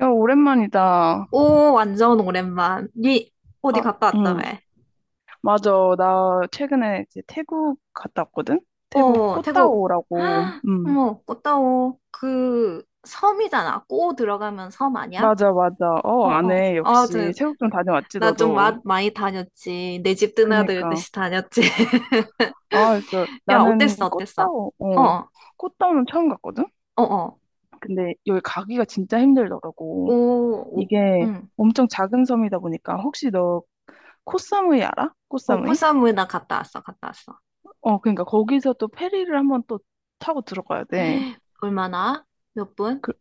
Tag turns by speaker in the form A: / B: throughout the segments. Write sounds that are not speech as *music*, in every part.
A: 야, 오랜만이다.
B: 오, 완전 오랜만. 니 어디
A: 아,
B: 갔다 왔다며?
A: 응. 맞아. 나 최근에 이제 태국 갔다 왔거든? 태국
B: 어, 태국.
A: 꽃다오라고.
B: 헉,
A: 응.
B: 어머, 꽃다오. 그 섬이잖아. 꼬 들어가면 섬 아니야?
A: 맞아, 맞아.
B: 어,
A: 어,
B: 어.
A: 아네.
B: 아,
A: 역시.
B: 저,
A: 태국 좀 다녀왔지,
B: 나 좀
A: 너도.
B: 많이 다녔지. 내 집
A: 그니까.
B: 드나들듯이 다녔지.
A: 아, 그,
B: *laughs* 야, 어땠어,
A: 나는
B: 어땠어?
A: 꽃다오,
B: 어,
A: 어.
B: 어,
A: 꽃다오는 처음 갔거든?
B: 어, 어.
A: 근데 여기 가기가 진짜
B: 오,
A: 힘들더라고.
B: 오,
A: 이게
B: 응.
A: 엄청 작은 섬이다 보니까. 혹시 너 코사무이 알아?
B: 어,
A: 코사무이?
B: 코사무에 나 갔다 왔어, 갔다 왔어.
A: 어, 그니까 거기서 또 페리를 한번 또 타고 들어가야 돼.
B: *gasps* 얼마나? 몇 분?
A: 그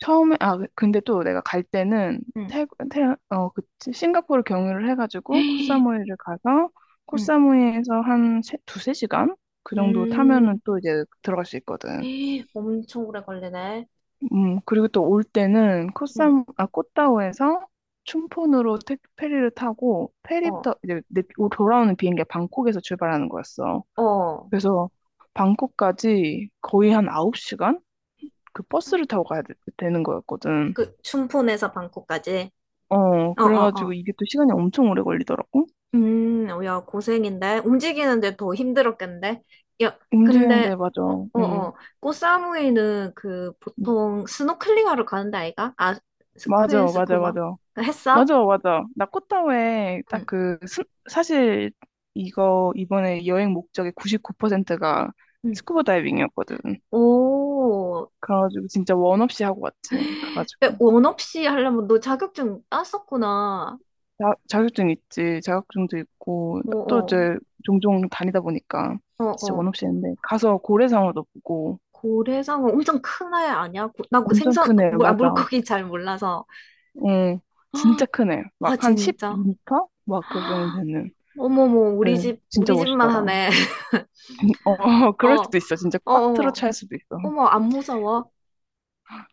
A: 처음에 근데 또 내가 갈 때는
B: 응.
A: 태, 태, 어, 그 싱가포르 경유를 해가지고
B: *gasps*
A: 코사무이를 가서
B: 응.
A: 코사무이에서 한 세, 두세 시간 그 정도
B: 음,
A: 타면은 또 이제 들어갈 수 있거든.
B: 에이, 엄청 오래 걸리네.
A: 음, 그리고 또 올 때는
B: 응,
A: 코사무 아 꽃다오에서 춘폰으로 페리를 타고
B: 어,
A: 돌아오는 비행기가 방콕에서 출발하는 거였어.
B: 어.
A: 그래서 방콕까지 거의 한 9시간 그 버스를 타고 가야 되는 거였거든.
B: 그, 춘폰에서 방콕까지.
A: 어,
B: 어, 어,
A: 그래가지고
B: 어.
A: 이게 또 시간이 엄청 오래 걸리더라고.
B: 어, 야, 고생인데. 움직이는데 더 힘들었겠는데. 야, 근데,
A: 움직이는데, 맞아.
B: 어, 어,
A: 응.
B: 어. 꽃사무이는 그,
A: 음.
B: 보통 스노클링 하러 가는데 아이가? 아,
A: 맞아,
B: 스쿠엔
A: 맞아,
B: 스쿠버?
A: 맞아.
B: 그 했어?
A: 맞아, 맞아. 나코타오에
B: 응,
A: 딱 그, 사실 이거 이번에 여행 목적의 99%가
B: 응.
A: 스쿠버 다이빙이었거든.
B: 오.
A: 그래가지고 진짜 원 없이 하고 왔지.
B: 헉,
A: 가가지고.
B: 원 없이 하려면 너 자격증 땄었구나.
A: 자격증 있지. 자격증도 있고.
B: 어,
A: 또
B: 어,
A: 이제 종종 다니다 보니까
B: 어,
A: 진짜
B: 어.
A: 원 없이 했는데. 가서 고래상어도 보고.
B: 고래상어 엄청 큰 애 아니야? 나그
A: 엄청
B: 생선 아,
A: 크네.
B: 물, 아,
A: 맞아.
B: 물고기 잘 몰라서
A: 어, 진짜 크네.
B: *gasps* 아
A: 막 한 1
B: 진짜
A: 2터막 그 정도 되는.
B: 어머머
A: 그
B: 우리 집
A: 진짜
B: 우리 집만
A: 멋있더라.
B: 하네 *laughs*
A: 어, *laughs* 그럴
B: 어
A: 수도 있어. 진짜
B: 어
A: 꽉 틀어
B: 어,
A: 찰 수도 있어.
B: 어. 머 안 무서워?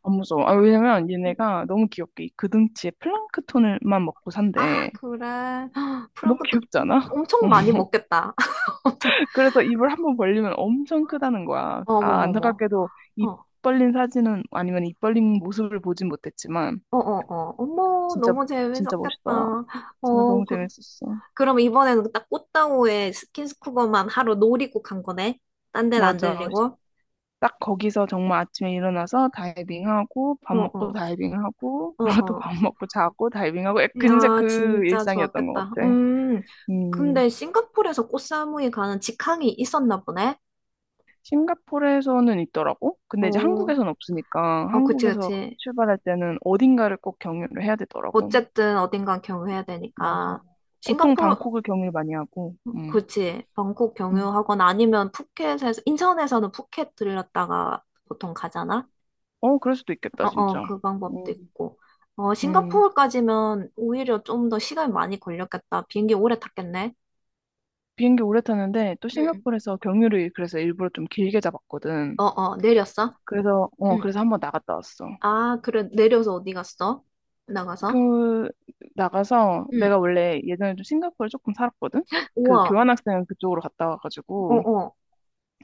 A: 안 무서워. 아, 왜냐면
B: 음,
A: 얘네가 너무 귀엽게 이 그등치에 플랑크톤을만 먹고
B: 아
A: 산대.
B: 그래 *gasps*
A: 너무
B: 프랑크도
A: 귀엽지 않아?
B: 엄청 많이
A: *laughs*
B: 먹겠다 *laughs* 엄청
A: 그래서 입을 한번 벌리면 엄청 크다는 거야. 아,
B: 어머머머
A: 안타깝게도 입
B: 어어어어
A: 벌린 사진은 아니면 입 벌린 모습을 보진 못했지만
B: 어, 머
A: 진짜
B: 너무
A: 진짜
B: 재밌었겠다
A: 멋있더라.
B: *gasps*
A: 진짜
B: 어
A: 너무
B: 그,
A: 재밌었어.
B: 그럼 이번에는 딱 꽃다오의 스킨스쿠버만 하루 놀이국 간 거네. 딴 데는 안
A: 맞아.
B: 들리고
A: 딱 거기서 정말 아침에 일어나서 다이빙하고 밥 먹고
B: 어어어어
A: 다이빙하고 *laughs* 그러고 또 밥 먹고 자고 다이빙하고 진짜
B: 야,
A: 그
B: 진짜
A: 일상이었던 것
B: 좋았겠다.
A: 같아. 음,
B: 근데 싱가포르에서 꽃사무이 가는 직항이 있었나 보네?
A: 싱가포르에서는 있더라고. 근데 이제
B: 어,
A: 한국에서는 없으니까
B: 어, 그치,
A: 한국에서
B: 그치.
A: 출발할 때는 어딘가를 꼭 경유를 해야 되더라고.
B: 어쨌든 어딘가 경유해야
A: 맞아.
B: 되니까.
A: 보통
B: 싱가포르,
A: 방콕을 경유를 많이 하고.
B: 그치. 방콕
A: 음.
B: 경유하거나 아니면 푸켓에서, 인천에서는 푸켓 들렸다가 보통 가잖아?
A: 어, 그럴 수도
B: 어,
A: 있겠다,
B: 어,
A: 진짜.
B: 그 방법도
A: 음,
B: 있고. 어,
A: 음.
B: 싱가포르까지면 오히려 좀 더 시간이 많이 걸렸겠다. 비행기 오래 탔겠네?
A: 비행기 오래 타는데 또
B: 응,
A: 싱가포르에서 경유를 그래서 일부러 좀 길게 잡았거든.
B: 어, 어, 내렸어?
A: 그래서 어
B: 응.
A: 그래서 한번 나갔다 왔어.
B: 아, 그래. 내려서 어디 갔어? 나가서?
A: 그 나가서
B: 응.
A: 내가 원래 예전에 좀 싱가포르 조금 살았거든. 그
B: 우와.
A: 교환학생 그쪽으로 갔다
B: 어,
A: 와가지고
B: 어.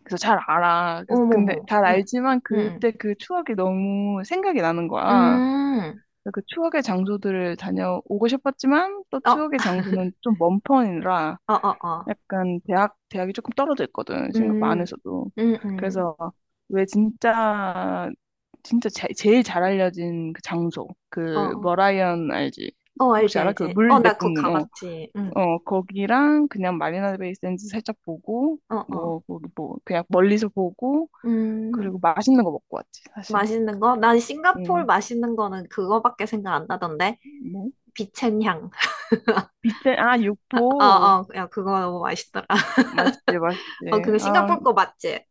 A: 그래서 잘 알아. 그래서 근데
B: 어머머.
A: 잘
B: 응.
A: 알지만
B: 응.
A: 그때 그 추억이 너무 생각이 나는
B: 응.
A: 거야.
B: 음.
A: 그래서 그 추억의 장소들을 다녀오고 싶었지만 또
B: 어,
A: 추억의 장소는 좀 먼 편이라
B: 어, 어, 어.
A: 약간 대학이 조금 떨어져 있거든. 싱가포르
B: 음.
A: 안에서도
B: 음, 음.
A: 그래서 왜 진짜 진짜 제일 잘 알려진 그 장소
B: 어,
A: 그
B: 어.
A: 머라이언 알지?
B: 어,
A: 혹시
B: 알지,
A: 알아? 그
B: 알지. 어,
A: 물
B: 나 그거
A: 내뿜는 어
B: 가봤지. 응.
A: 어 거기랑 그냥 마리나 베이 샌즈 살짝 보고
B: 어, 어.
A: 뭐, 뭐, 뭐 그냥 멀리서 보고
B: 음.
A: 그리고 맛있는 거 먹고 왔지 사실.
B: 맛있는 거? 난 싱가포르 맛있는 거는 그거밖에 생각 안 나던데.
A: 음뭐
B: 비첸향.
A: 비트 아
B: *laughs* 어,
A: 육포.
B: 어. 야, 그거 너무 맛있더라. *laughs*
A: 맛있지 맛있지.
B: 어, 그거
A: 아,
B: 싱가포르 거 맞지?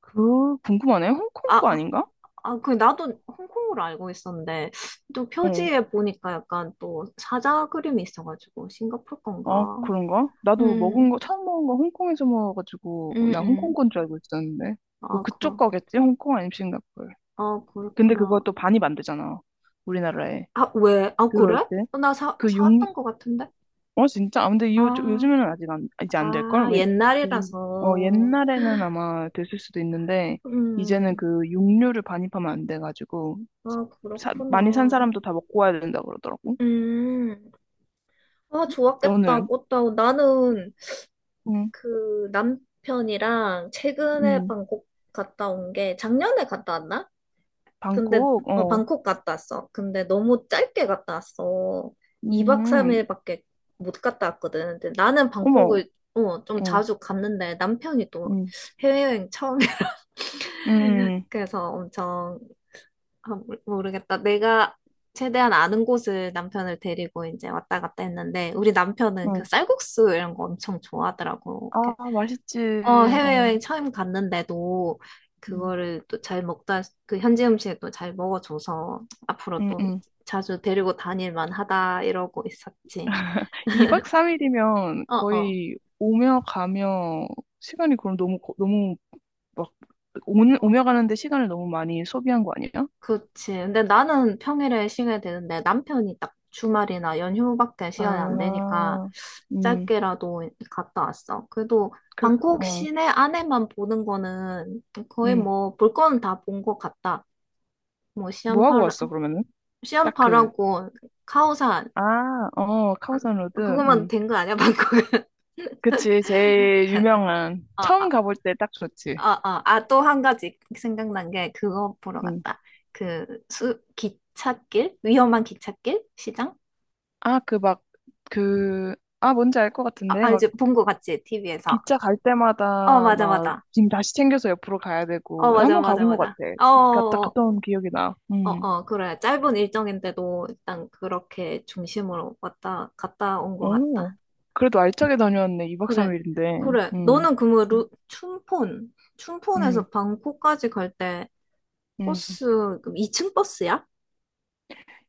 A: 그 궁금하네. 홍콩
B: 어,
A: 거
B: 어.
A: 아닌가?
B: 아, 그, 나도 홍콩으로 알고 있었는데, 또
A: 어,
B: 표지에 보니까 약간 또 사자 그림이 있어가지고, 싱가포르 건가?
A: 어, 그런가? 나도 먹은
B: 음,
A: 거, 처음 먹은 거 홍콩에서 먹어가지고,
B: 음,
A: 나 홍콩
B: 음.
A: 건 줄 알고 있었는데. 뭐
B: 아,
A: 그쪽
B: 그거,
A: 거겠지? 홍콩 아니면 싱가포르.
B: 아,
A: 근데
B: 그렇구나.
A: 그것도 반입 안 되잖아. 우리나라에.
B: 아, 왜? 아,
A: 들어올
B: 그래?
A: 때.
B: 어, 나
A: 그 육,
B: 사왔던 것 같은데?
A: 어, 진짜? 아, 근데
B: 아,
A: 요즘에는 아직 안, 이제 안
B: 아,
A: 될걸? 왜, 그, 어,
B: 옛날이라서.
A: 옛날에는 아마 됐을 수도 있는데, 이제는
B: 음,
A: 그 육류를 반입하면 안 돼가지고,
B: 아,
A: 많이 산
B: 그렇구나.
A: 사람도 다 먹고 와야 된다 그러더라고.
B: 음, 아, 좋았겠다,
A: 너는?
B: 꽃다운. 나는
A: 응,
B: 그 남편이랑 최근에
A: 응.
B: 방콕 갔다 온 게 작년에 갔다 왔나? 근데
A: 방콕,
B: 어,
A: 어,
B: 방콕 갔다 왔어. 근데 너무 짧게 갔다 왔어. 2박
A: 음, 음.
B: 3일밖에 못 갔다 왔거든. 근데 나는
A: 어머.
B: 방콕을 어, 좀
A: 어.
B: 자주 갔는데 남편이 또
A: 응,
B: 해외여행 처음에
A: 응,
B: *laughs*
A: 응.
B: 그래서 엄청 아, 모르겠다. 내가 최대한 아는 곳을 남편을 데리고 이제 왔다 갔다 했는데 우리
A: 응.
B: 남편은 그
A: 응.
B: 쌀국수 이런 거 엄청 좋아하더라고.
A: 아, 맛있지.
B: 어,
A: 어,
B: 해외여행 처음 갔는데도
A: 음.
B: 그거를 또 잘 먹다, 그 현지 음식을 또 잘 먹어줘서 앞으로
A: 응,
B: 또
A: 응.
B: 자주 데리고 다닐 만하다 이러고 있었지.
A: 2박 3일이면
B: 어, 어,
A: 거의 오며 가며 시간이 그럼 너무, 너무 막 오
B: 어,
A: 오며 가는데 시간을 너무 많이 소비한 거 아니야?
B: 그렇지. 근데 나는 평일에 시간이 되는데 남편이 딱 주말이나 연휴밖에 시간이 안 되니까
A: 아, 음,
B: 짧게라도 갔다 왔어. 그래도
A: 그래도,
B: 방콕
A: 어,
B: 시내 안에만 보는 거는 거의
A: 음.
B: 뭐 볼 거는 다 본 것 같다. 뭐
A: 뭐 하고
B: 시안파라,
A: 왔어, 그러면은? 딱 그,
B: 시안파라고 카오산
A: 아, 어, 카오산 로드,
B: 그거만 된 거 아니야, 방콕 *laughs*
A: 그치, 제일 유명한.
B: 어,
A: 처음
B: 아,
A: 가볼 때 딱
B: 어,
A: 좋지.
B: 어. 아, 또 한 가지 생각난 게 그거 보러
A: 음.
B: 갔다. 그 수, 기찻길? 위험한 기찻길? 시장?
A: 아, 그 막, 그, 아, 뭔지 알 것
B: 아,
A: 같은데?
B: 아 이제 본 거 같지? TV에서.
A: 기차 갈
B: 어,
A: 때마다
B: 맞아,
A: 막
B: 맞아.
A: 짐 다시 챙겨서 옆으로 가야
B: 어,
A: 되고 한
B: 맞아,
A: 번
B: 맞아,
A: 가본 것 같아.
B: 맞아. 어,
A: 갔다
B: 어,
A: 갔다 온 기억이 나.
B: 어, 어,
A: 음.
B: 어. 그래. 짧은 일정인데도 일단 그렇게 중심으로 왔다, 갔다 온 거
A: 오.
B: 같다.
A: 그래도 알차게 다녀왔네. 2박
B: 그래.
A: 3일인데.
B: 그래.
A: 음.
B: 너는 그러면 루, 춘폰,
A: 음.
B: 춘폰에서 방콕까지 갈 때
A: 음.
B: 버스, 그럼 2층 버스야?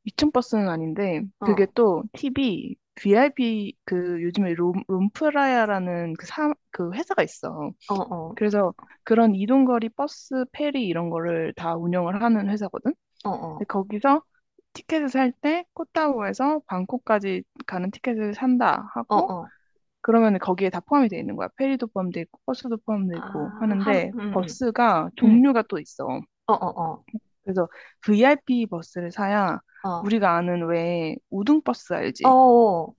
A: 이층 버스는 아닌데
B: 어,
A: 그게
B: 어,
A: 또 팁이 VIP, 그 요즘에 롬프라야라는 그 회사가 있어.
B: 어,
A: 그래서 그런 이동거리 버스, 페리 이런 거를 다 운영을 하는 회사거든.
B: 어,
A: 근데
B: 어,
A: 거기서 티켓을 살 때 코타우에서 방콕까지 가는 티켓을 산다
B: 어,
A: 하고,
B: 어.
A: 그러면 거기에 다 포함이 돼 있는 거야. 페리도 포함돼 있고 버스도 포함돼 있고
B: 아, 함,
A: 하는데, 버스가
B: 음.
A: 종류가 또 있어.
B: 어, 어,
A: 그래서 VIP 버스를 사야
B: 어, 어,
A: 우리가 아는 왜 우등 버스
B: 어,
A: 알지?
B: 어.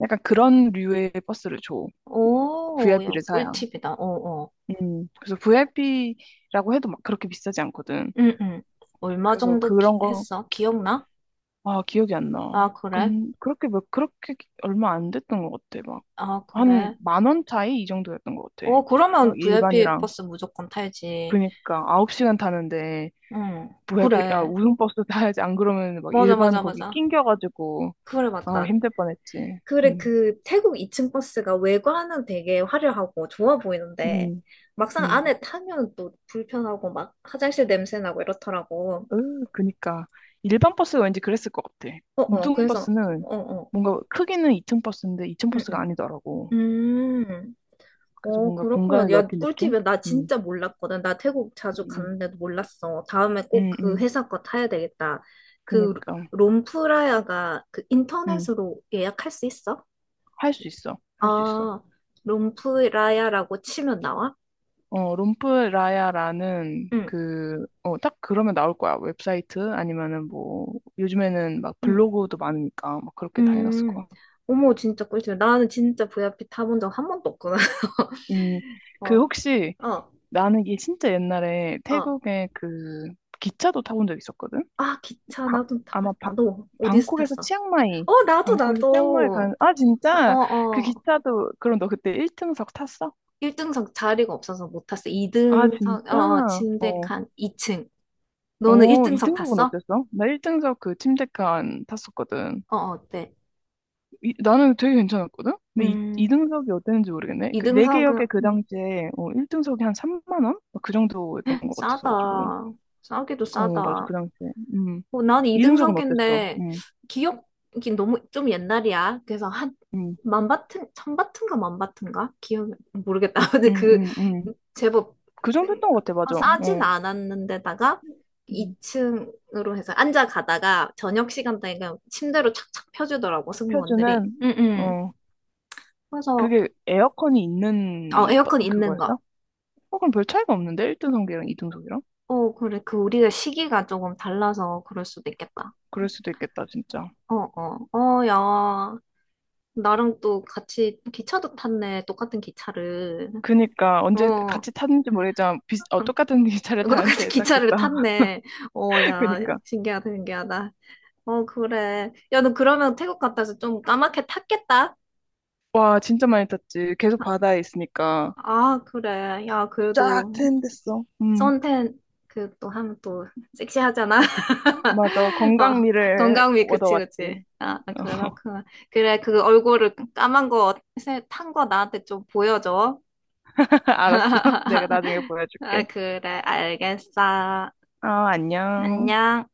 A: 약간 그런 류의 버스를 줘.
B: 오, 야,
A: VIP를 사야.
B: 꿀팁이다. 어, 어.
A: 그래서 VIP라고 해도 막 그렇게 비싸지 않거든.
B: 음, 음. 얼마
A: 그래서
B: 정도
A: 그런 거
B: 했어? 기억나?
A: 아, 기억이 안 나.
B: 아, 그래?
A: 근 그렇게 몇 그렇게 얼마 안 됐던 것 같아. 막
B: 아,
A: 한
B: 그래?
A: 만원 차이 이 정도였던 것 같아.
B: 어, 그러면
A: 막
B: VIP
A: 일반이랑
B: 버스 무조건 타야지.
A: 그니까 9시간 타는데,
B: 응,
A: 뭐야 야,
B: 그래.
A: 우등버스 *laughs* 타야지 안 그러면 막
B: 맞아,
A: 일반
B: 맞아,
A: 거기
B: 맞아.
A: 낑겨가지고
B: 그래,
A: 아
B: 맞다.
A: 힘들 뻔했지.
B: 그래,
A: 음,
B: 그 태국 2층 버스가 외관은 되게 화려하고 좋아 보이는데,
A: 음,
B: 막상
A: 음.
B: 안에 타면 또 불편하고 막 화장실 냄새 나고 이렇더라고.
A: 으, 그니까 일반 버스가 왠지 그랬을 것 같아.
B: 어 어, 그래서,
A: 우등버스는
B: 어어,
A: 뭔가 크기는 2층 버스인데 2층
B: 응,
A: 버스가
B: 응.
A: 아니더라고.
B: 음, 음.
A: 그래서
B: 어,
A: 뭔가
B: 그렇구나.
A: 공간을
B: 야,
A: 넓힌 느낌?
B: 꿀팁이야. 나
A: 음,
B: 진짜 몰랐거든. 나 태국 자주
A: 음,
B: 갔는데도 몰랐어. 다음에 꼭 그
A: 음.
B: 회사 거 타야 되겠다. 그
A: 그니까.
B: 롬프라야가 그
A: 응,
B: 인터넷으로 예약할 수 있어?
A: 할 수 있어. 할 수 있어.
B: 아, 롬프라야라고 치면 나와?
A: 어, 롬프라야라는
B: 응.
A: 그, 어, 딱 그러면 나올 거야. 웹사이트 아니면은 뭐, 요즘에는 막
B: 응.
A: 블로그도 많으니까 막 그렇게 다 해놨을
B: 음,
A: 거야.
B: 어머, 진짜 꿀팁. 나는 진짜 VIP 타본 적 한 번도 없구나.
A: 음,
B: *laughs*
A: 그
B: 어,
A: 혹시
B: 어,
A: 나는 이게 진짜 옛날에
B: 어.
A: 태국에 그 기차도 타본 적 있었거든?
B: 아, 기차,
A: 바-
B: 나도
A: 아마
B: 타봤다.
A: 바,
B: 너, 어디서
A: 방콕에서
B: 탔어?
A: 치앙마이,
B: 어, 나도,
A: 방콕에서 치앙마이 간,
B: 나도.
A: 아,
B: 어,
A: 진짜? 그
B: 어.
A: 기차도, 그럼 너 그때 1등석 탔어?
B: 1등석 자리가 없어서 못 탔어.
A: 아,
B: 2등석, 어, 어,
A: 진짜?
B: 침대
A: 어.
B: 칸 2층. 너는
A: 오,
B: 1등석
A: 2등석은
B: 탔어?
A: 어땠어? 나 1등석 그 침대칸 탔었거든.
B: 어, 어, 어때?
A: 나는 되게 괜찮았거든? 근데 이,
B: 음,
A: 2등석이 어땠는지 모르겠네. 그, 개역
B: 2등석은,
A: 에 그 당시에, 어, 1등석이 한 3만 원? 그 정도였던 것 같아서가지고.
B: 싸다. 싸기도
A: 어, 맞아,
B: 싸다.
A: 그 당시에. 음.
B: 어, 난
A: 2등석은 어땠어?
B: 이등석인데 기억이 너무 좀 옛날이야. 그래서 한
A: 음,
B: 만바튼 천바튼가 만바튼가 기억 모르겠다. *laughs* 근데
A: 음,
B: 그
A: 음, 음.
B: 제법
A: 그 정도
B: 생-
A: 했던 것 같아,
B: 어,
A: 맞아.
B: 싸진
A: 어,
B: 않았는데다가
A: 음.
B: 2층으로 해서 앉아 가다가 저녁 시간대에 그냥 침대로 착착 펴주더라고 승무원들이.
A: 표준은,
B: 응응.
A: 어,
B: 그래서
A: 그게 에어컨이
B: 어,
A: 있는
B: 에어컨 있는 거.
A: 그거였어? 어, 그럼 별 차이가 없는데? 1등석이랑 2등석이랑?
B: 어 그래 그 우리가 시기가 조금 달라서 그럴 수도 있겠다.
A: 그럴 수도 있겠다, 진짜.
B: 어, 어, 어, 야, 나랑 또 같이 기차도 탔네. 똑같은 기차를.
A: 그니까 언제
B: 어,
A: 같이 탔는지 모르겠지만 비슷, 어,
B: 응,
A: 똑같은 *laughs*
B: 똑같은
A: 기차를 다른
B: *laughs*
A: 데
B: 기차를
A: 탔겠다.
B: 탔네. 어,
A: *laughs*
B: 야,
A: 그니까
B: 신기하다, 신기하다. 어, 그래. 야, 너 그러면 태국 갔다 와서 좀 까맣게 탔겠다?
A: 와 진짜 많이 탔지. 계속 바다에 있으니까
B: 아, 그래. 야,
A: 쫙
B: 그래도
A: 트인댔어. 음,
B: 선탠 그 또 하면 또 섹시하잖아.
A: 맞아,
B: *laughs* 어,
A: 건강미를
B: 건강미, 그치,
A: 얻어왔지.
B: 그치. 아, 아,
A: *laughs*
B: 그렇구나. 그래, 그 얼굴을 까만 거, 탄 거 나한테 좀 보여줘.
A: 알았어. *laughs* 내가
B: *laughs*
A: 나중에
B: 아,
A: 보여줄게.
B: 그래, 알겠어.
A: 아, 안녕.
B: 안녕.